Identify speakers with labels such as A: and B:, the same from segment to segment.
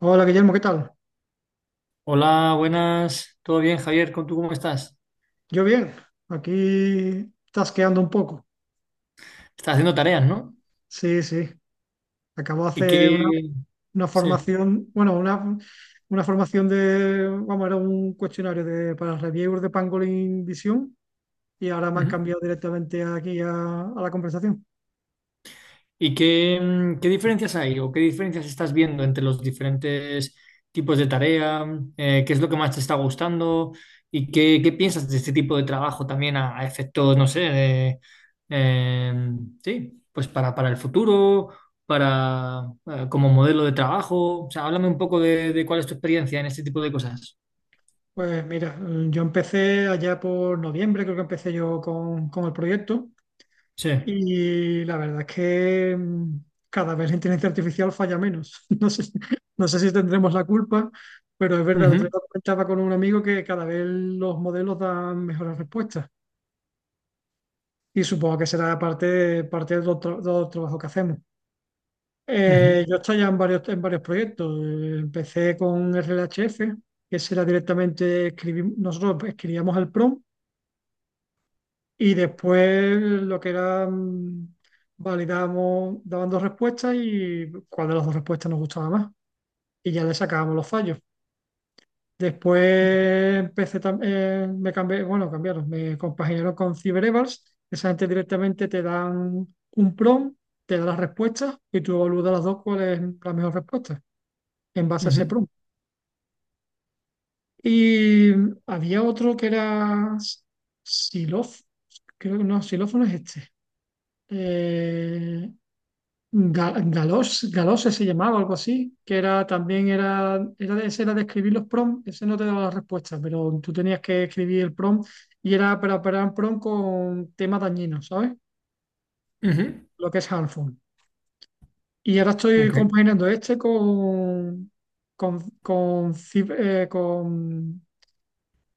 A: Hola Guillermo, ¿qué tal?
B: Hola, buenas. ¿Todo bien, Javier? ¿Con tú cómo estás?
A: Yo bien, aquí tasqueando un poco.
B: Estás haciendo tareas, ¿no?
A: Sí, sí. Acabo de
B: ¿Y
A: hacer
B: qué,
A: una
B: sí.
A: formación, bueno, una formación de, vamos, era un cuestionario de, para reviewers de Pangolin Visión y ahora me han
B: Ujú.
A: cambiado directamente aquí a la conversación.
B: ¿Y qué, qué diferencias hay o qué diferencias estás viendo entre los diferentes tipos de tarea? ¿Qué es lo que más te está gustando? ¿Y qué, qué piensas de este tipo de trabajo también a efectos, no sé, eh, sí, pues para el futuro, como modelo de trabajo? O sea, háblame un poco de cuál es tu experiencia en este tipo de cosas.
A: Pues mira, yo empecé allá por noviembre, creo que empecé yo con el proyecto.
B: Sí.
A: Y la verdad es que cada vez la inteligencia artificial falla menos. No sé, no sé si tendremos la culpa, pero es verdad, el otro día
B: Ujú.
A: lo comentaba con un amigo que cada vez los modelos dan mejores respuestas. Y supongo que será parte, parte del otro, del trabajo que hacemos.
B: Ujú,
A: Yo estoy ya en varios proyectos. Empecé con RLHF, que será directamente escribir, nosotros escribíamos el prompt. Y después lo que era, validamos, daban dos respuestas y cuál de las dos respuestas nos gustaba más. Y ya le sacábamos los fallos. Después empecé también, me cambié, bueno, cambiaron, me compaginaron con CyberEvals. Esa gente directamente te dan un prompt, te da las respuestas y tú evalúas las dos cuál es la mejor respuesta en base a ese
B: ujú,
A: prompt. Y había otro que era Silof, creo que no, Silófono es este. Eh, Galos, Galose se llamaba, algo así, que era también era, era de, ese era de escribir los prompts, ese no te daba la respuesta, pero tú tenías que escribir el prompt y era para operar un prompt con temas dañinos, ¿sabes?
B: ujú,
A: Lo que es harmful. Y ahora estoy
B: ok,
A: compaginando este con con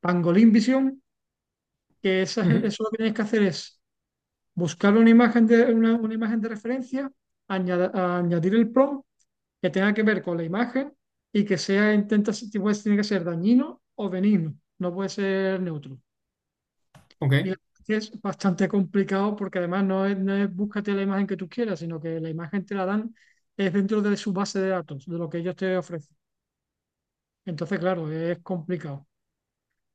A: Pangolin Vision, que
B: ujú,
A: eso lo que tienes que hacer es buscar una imagen de referencia, añadir el prompt que tenga que ver con la imagen y que sea, intenta, pues, tiene que ser dañino o benigno, no puede ser neutro.
B: ok,
A: Y la verdad es que es bastante complicado porque además no es, no es búscate la imagen que tú quieras, sino que la imagen te la dan, es dentro de su base de datos, de lo que ellos te ofrecen. Entonces, claro, es complicado.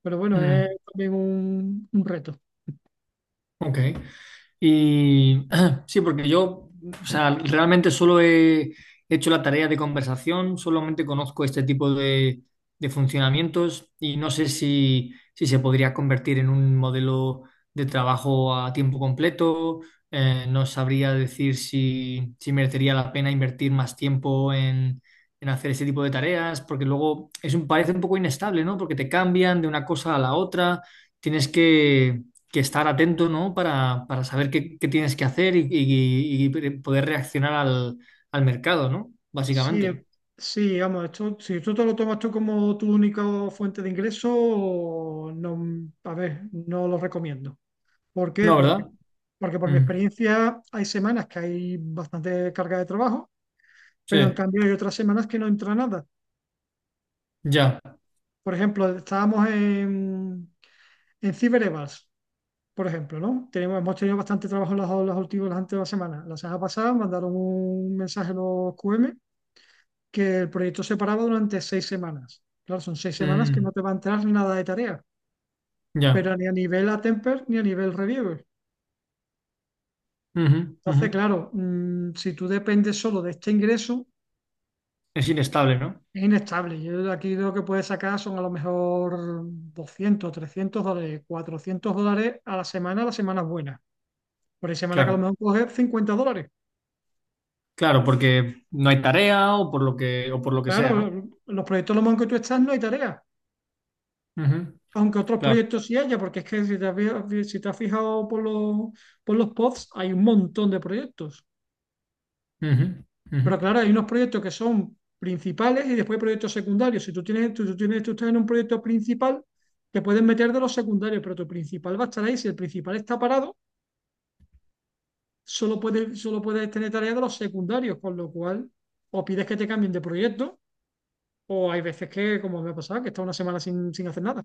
A: Pero bueno, es
B: mm,
A: también un reto.
B: ok. Y sí, porque yo, o sea, realmente solo he hecho la tarea de conversación, solamente conozco este tipo de funcionamientos y no sé si se podría convertir en un modelo de trabajo a tiempo completo. No sabría decir si merecería la pena invertir más tiempo en hacer ese tipo de tareas, porque luego es un, parece un poco inestable, ¿no? Porque te cambian de una cosa a la otra, tienes que estar atento, ¿no? Para saber qué, qué tienes que hacer y poder reaccionar al mercado, ¿no?
A: Sí,
B: Básicamente.
A: sí, vamos, esto, si tú te lo tomas tú como tu única fuente de ingreso, no, a ver, no lo recomiendo. ¿Por qué?
B: No,
A: Porque
B: ¿verdad?
A: Porque por mi
B: Mm,
A: experiencia hay semanas que hay bastante carga de trabajo,
B: sí,
A: pero en cambio hay otras semanas que no entra nada.
B: ya.
A: Por ejemplo, estábamos en CyberEvals, por ejemplo, ¿no? Tenemos, hemos tenido bastante trabajo las últimas, las anteriores semanas. La semana pasada mandaron un mensaje a los QM que el proyecto se paraba durante 6 semanas. Claro, son 6 semanas que
B: Mm,
A: no te va a entrar nada de tarea, pero
B: ya.
A: ni a nivel Atemper ni a nivel Reviewer.
B: Ujú, ujú.
A: Entonces, claro, si tú dependes solo de este ingreso.
B: Es inestable, ¿no?
A: Es inestable. Yo de aquí lo que puedes sacar son a lo mejor $200 $300, $400 a la semana, a las semanas buenas. Por ahí semana que a lo
B: Claro,
A: mejor coges $50.
B: claro, porque no hay tarea o por lo que, o por lo que sea,
A: Claro,
B: ¿no?
A: los proyectos los que tú estás no hay tarea.
B: Ujú,
A: Aunque otros
B: claro.
A: proyectos sí haya, porque es que si te has, si te has fijado por los pods, hay un montón de proyectos.
B: Ujú, ujú.
A: Pero claro, hay unos proyectos que son principales y después hay proyectos secundarios. Si tú estás en un proyecto principal, te puedes meter de los secundarios, pero tu principal va a estar ahí. Si el principal está parado, solo puedes tener tareas de los secundarios, con lo cual o pides que te cambien de proyecto, o hay veces que, como me ha pasado, que está una semana sin, sin hacer nada.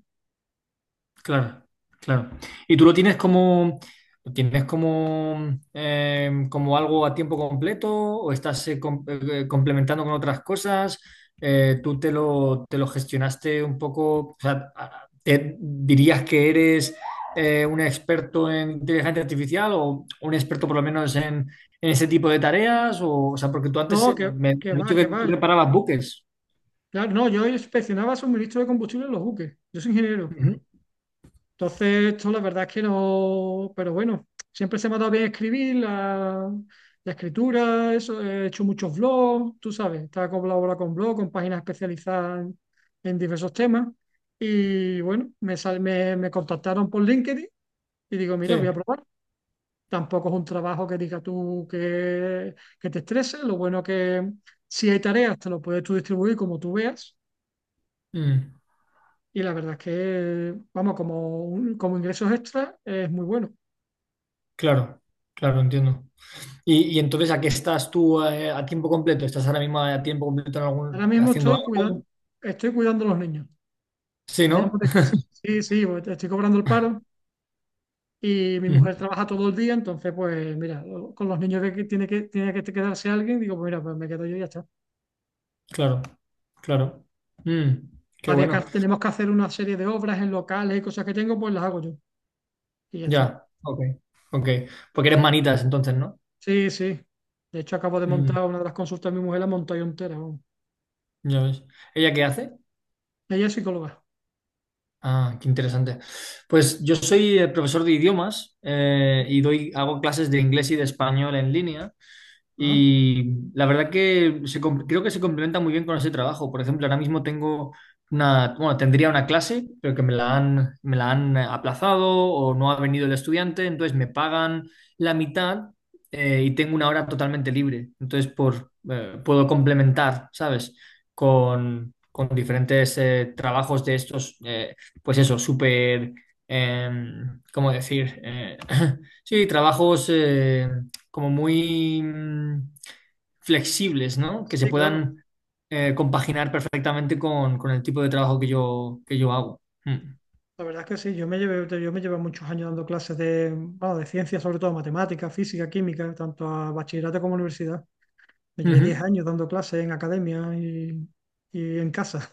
B: Claro, claro. ¿Y tú lo tienes como, como algo a tiempo completo o estás complementando con otras cosas? ¿Tú te te lo gestionaste un poco? O sea, ¿te dirías que eres un experto en inteligencia artificial o un experto por lo menos en ese tipo de tareas? O sea, porque tú
A: No,
B: antes me has
A: que va,
B: dicho que
A: que va.
B: tú reparabas buques.
A: Claro, no, yo inspeccionaba suministro de combustible en los buques. Yo soy ingeniero.
B: Ujú.
A: Entonces, esto la verdad es que no, pero bueno, siempre se me ha dado bien escribir, la escritura, eso, he hecho muchos blogs, tú sabes, estaba colaborando con blogs, con páginas especializadas en diversos temas. Y bueno, me contactaron por LinkedIn y digo,
B: Sí.
A: mira, voy a probar. Tampoco es un trabajo que diga tú que te estrese, lo bueno que si hay tareas, te lo puedes tú distribuir como tú veas.
B: Mm.
A: Y la verdad es que, vamos, como, como ingresos extra es muy bueno.
B: Claro, claro, entiendo. Y entonces, ¿a qué estás tú a tiempo completo? ¿Estás ahora mismo a tiempo completo en
A: Ahora
B: algún,
A: mismo
B: haciendo algo?
A: estoy cuidando a los niños
B: Sí,
A: de ambos
B: ¿no?
A: de casa. Sí, sí, pues, estoy cobrando el paro y mi
B: Ujú,
A: mujer trabaja todo el día, entonces, pues mira, con los niños que tiene que, tiene que quedarse alguien, digo, pues mira, pues me quedo yo y ya está.
B: claro, claro. Mm, qué
A: Había que,
B: bueno.
A: tenemos que hacer una serie de obras en locales y cosas que tengo, pues las hago yo y ya está.
B: Ya, ok, ok. Porque eres manitas entonces, ¿no?
A: Sí, sí. De hecho, acabo de
B: Mm,
A: montar una de las consultas de mi mujer, la monté yo entera. Vamos.
B: ya ves. ¿Ella qué hace?
A: Ella es psicóloga.
B: Ah, qué interesante. Pues yo soy profesor de idiomas y doy, hago clases de inglés y de español en línea.
A: Ajá.
B: Y la verdad que creo que se complementa muy bien con ese trabajo. Por ejemplo, ahora mismo tengo una, bueno, tendría una clase, pero que me me la han aplazado o no ha venido el estudiante, entonces me pagan la mitad y tengo una hora totalmente libre. Entonces, puedo complementar, ¿sabes? Con diferentes trabajos de estos, pues eso, súper, ¿cómo decir? Sí, trabajos, como muy flexibles, ¿no? Que se
A: Sí, claro.
B: puedan compaginar perfectamente con el tipo de trabajo que que yo hago. Mm.
A: La verdad es que sí, yo me llevé muchos años dando clases de, bueno, de ciencias, sobre todo matemáticas, física, química, tanto a bachillerato como a universidad. Me llevé
B: Ujú,
A: 10 años dando clases en academia y en casa.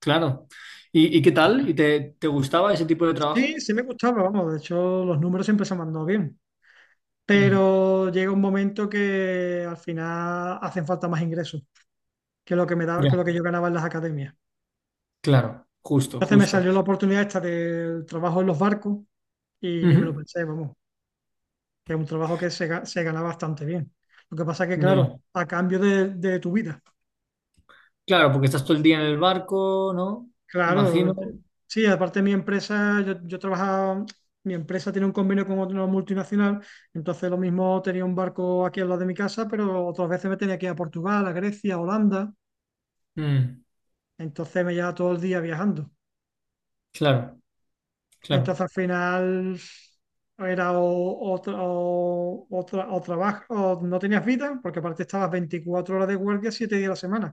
B: claro. ¿ y qué tal? ¿Y te gustaba ese tipo de
A: Sí,
B: trabajo?
A: sí me gustaba, vamos, de hecho los números siempre se me han dado bien,
B: Mm,
A: pero llega un momento que al final hacen falta más ingresos que lo que me daba,
B: ya,
A: que lo que yo ganaba en las academias.
B: claro, justo,
A: Entonces me
B: justo.
A: salió la oportunidad esta del trabajo en los barcos y ni me lo
B: Ujú,
A: pensé, vamos, que es un trabajo que se gana bastante bien. Lo que pasa que, claro,
B: ya.
A: a cambio de tu vida.
B: Claro, porque estás todo el día en el barco, ¿no?
A: Claro,
B: Imagino.
A: sí, aparte mi empresa, yo trabajaba, mi empresa tiene un convenio con otra multinacional, entonces lo mismo tenía un barco aquí al lado de mi casa, pero otras veces me tenía que ir a Portugal, a Grecia, a Holanda,
B: Mm,
A: entonces me llevaba todo el día viajando.
B: claro,
A: Entonces
B: claro.
A: al final era o trabajo, o no tenías vida, porque aparte estabas 24 horas de guardia, 7 días a la semana.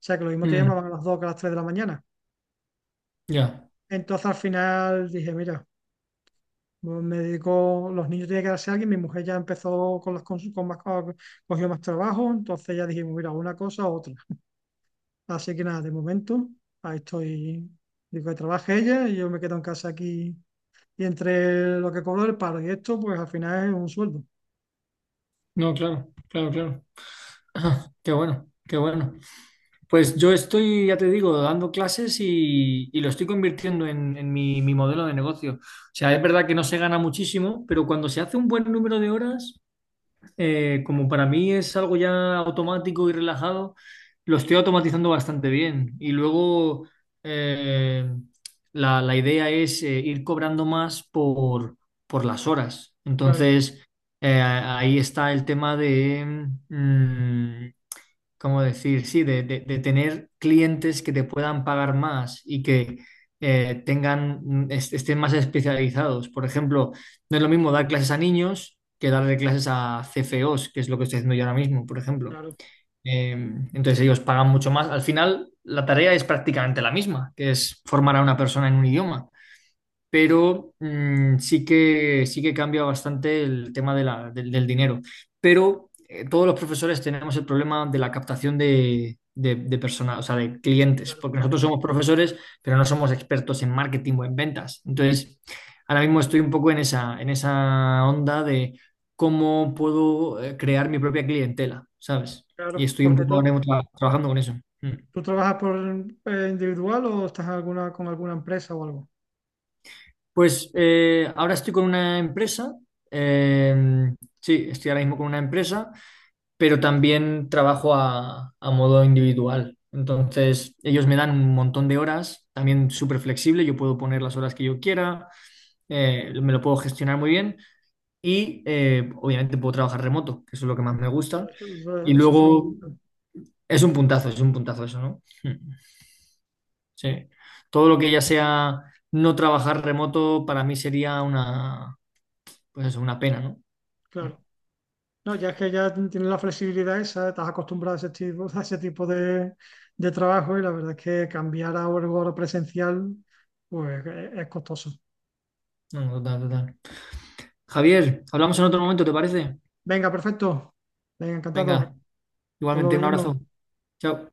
A: O sea que lo mismo te
B: Mm,
A: llamaban a las 2, que a las 3 de la mañana.
B: ya.
A: Entonces al final dije, mira, pues me dedico, los niños tienen que darse a alguien, mi mujer ya empezó con con más, cogió más trabajo, entonces ya dijimos, mira, una cosa u otra. Así que nada, de momento, ahí estoy, digo que trabaje ella y yo me quedo en casa aquí. Y entre lo que cobro del paro y esto, pues al final es un sueldo.
B: No, claro, claro, claro. Qué bueno, qué bueno. Pues yo estoy, ya te digo, dando clases y lo estoy convirtiendo en mi, mi modelo de negocio. O sea, es verdad que no se gana muchísimo, pero cuando se hace un buen número de horas, como para mí es algo ya automático y relajado, lo estoy automatizando bastante bien. Y luego eh, la, la idea es ir cobrando más por las horas.
A: Claro,
B: Entonces, ahí está el tema de, ¿cómo decir? Sí, de tener clientes que te puedan pagar más y que tengan, estén más especializados. Por ejemplo, no es lo mismo dar clases a niños que darle clases a CFOs, que es lo que estoy haciendo yo ahora mismo, por ejemplo.
A: claro,
B: Entonces ellos pagan mucho más. Al final, la tarea es prácticamente la misma, que es formar a una persona en un idioma pero sí que cambia bastante el tema de del dinero. Pero todos los profesores tenemos el problema de la captación de personas, o sea, de
A: sí,
B: clientes,
A: claro,
B: porque nosotros somos profesores, pero no somos expertos en marketing o en ventas. Entonces, ahora mismo estoy un poco en esa onda de cómo puedo crear mi propia clientela, ¿sabes? Y
A: claro.
B: estoy un
A: Porque
B: poco ahora mismo trabajando con eso. Mm.
A: tú trabajas por individual o estás en alguna, con alguna empresa o algo.
B: Pues ahora estoy con una empresa, eh, sí, estoy ahora mismo con una empresa, pero también trabajo a modo individual. Entonces, ellos me dan un montón de horas, también súper flexible, yo puedo poner las horas que yo quiera, me lo puedo gestionar muy bien y obviamente puedo trabajar remoto, que eso es lo que más me
A: Claro,
B: gusta.
A: eso,
B: Y
A: eso es
B: luego
A: fundamental.
B: es un puntazo eso, ¿no? Mm, sí. Todo lo que ya sea no trabajar remoto para mí sería una pues eso, una pena, ¿no? Mm.
A: Claro. No, ya es que ya tienes la flexibilidad esa, estás acostumbrado a ese tipo de trabajo y la verdad es que cambiar a algo ahora presencial, pues es costoso.
B: No, no, total, total. Javier, hablamos en otro momento, ¿te parece?
A: Venga, perfecto. Venga, encantado.
B: Venga,
A: Hasta luego,
B: igualmente un abrazo.
A: Guillermo.
B: Chao.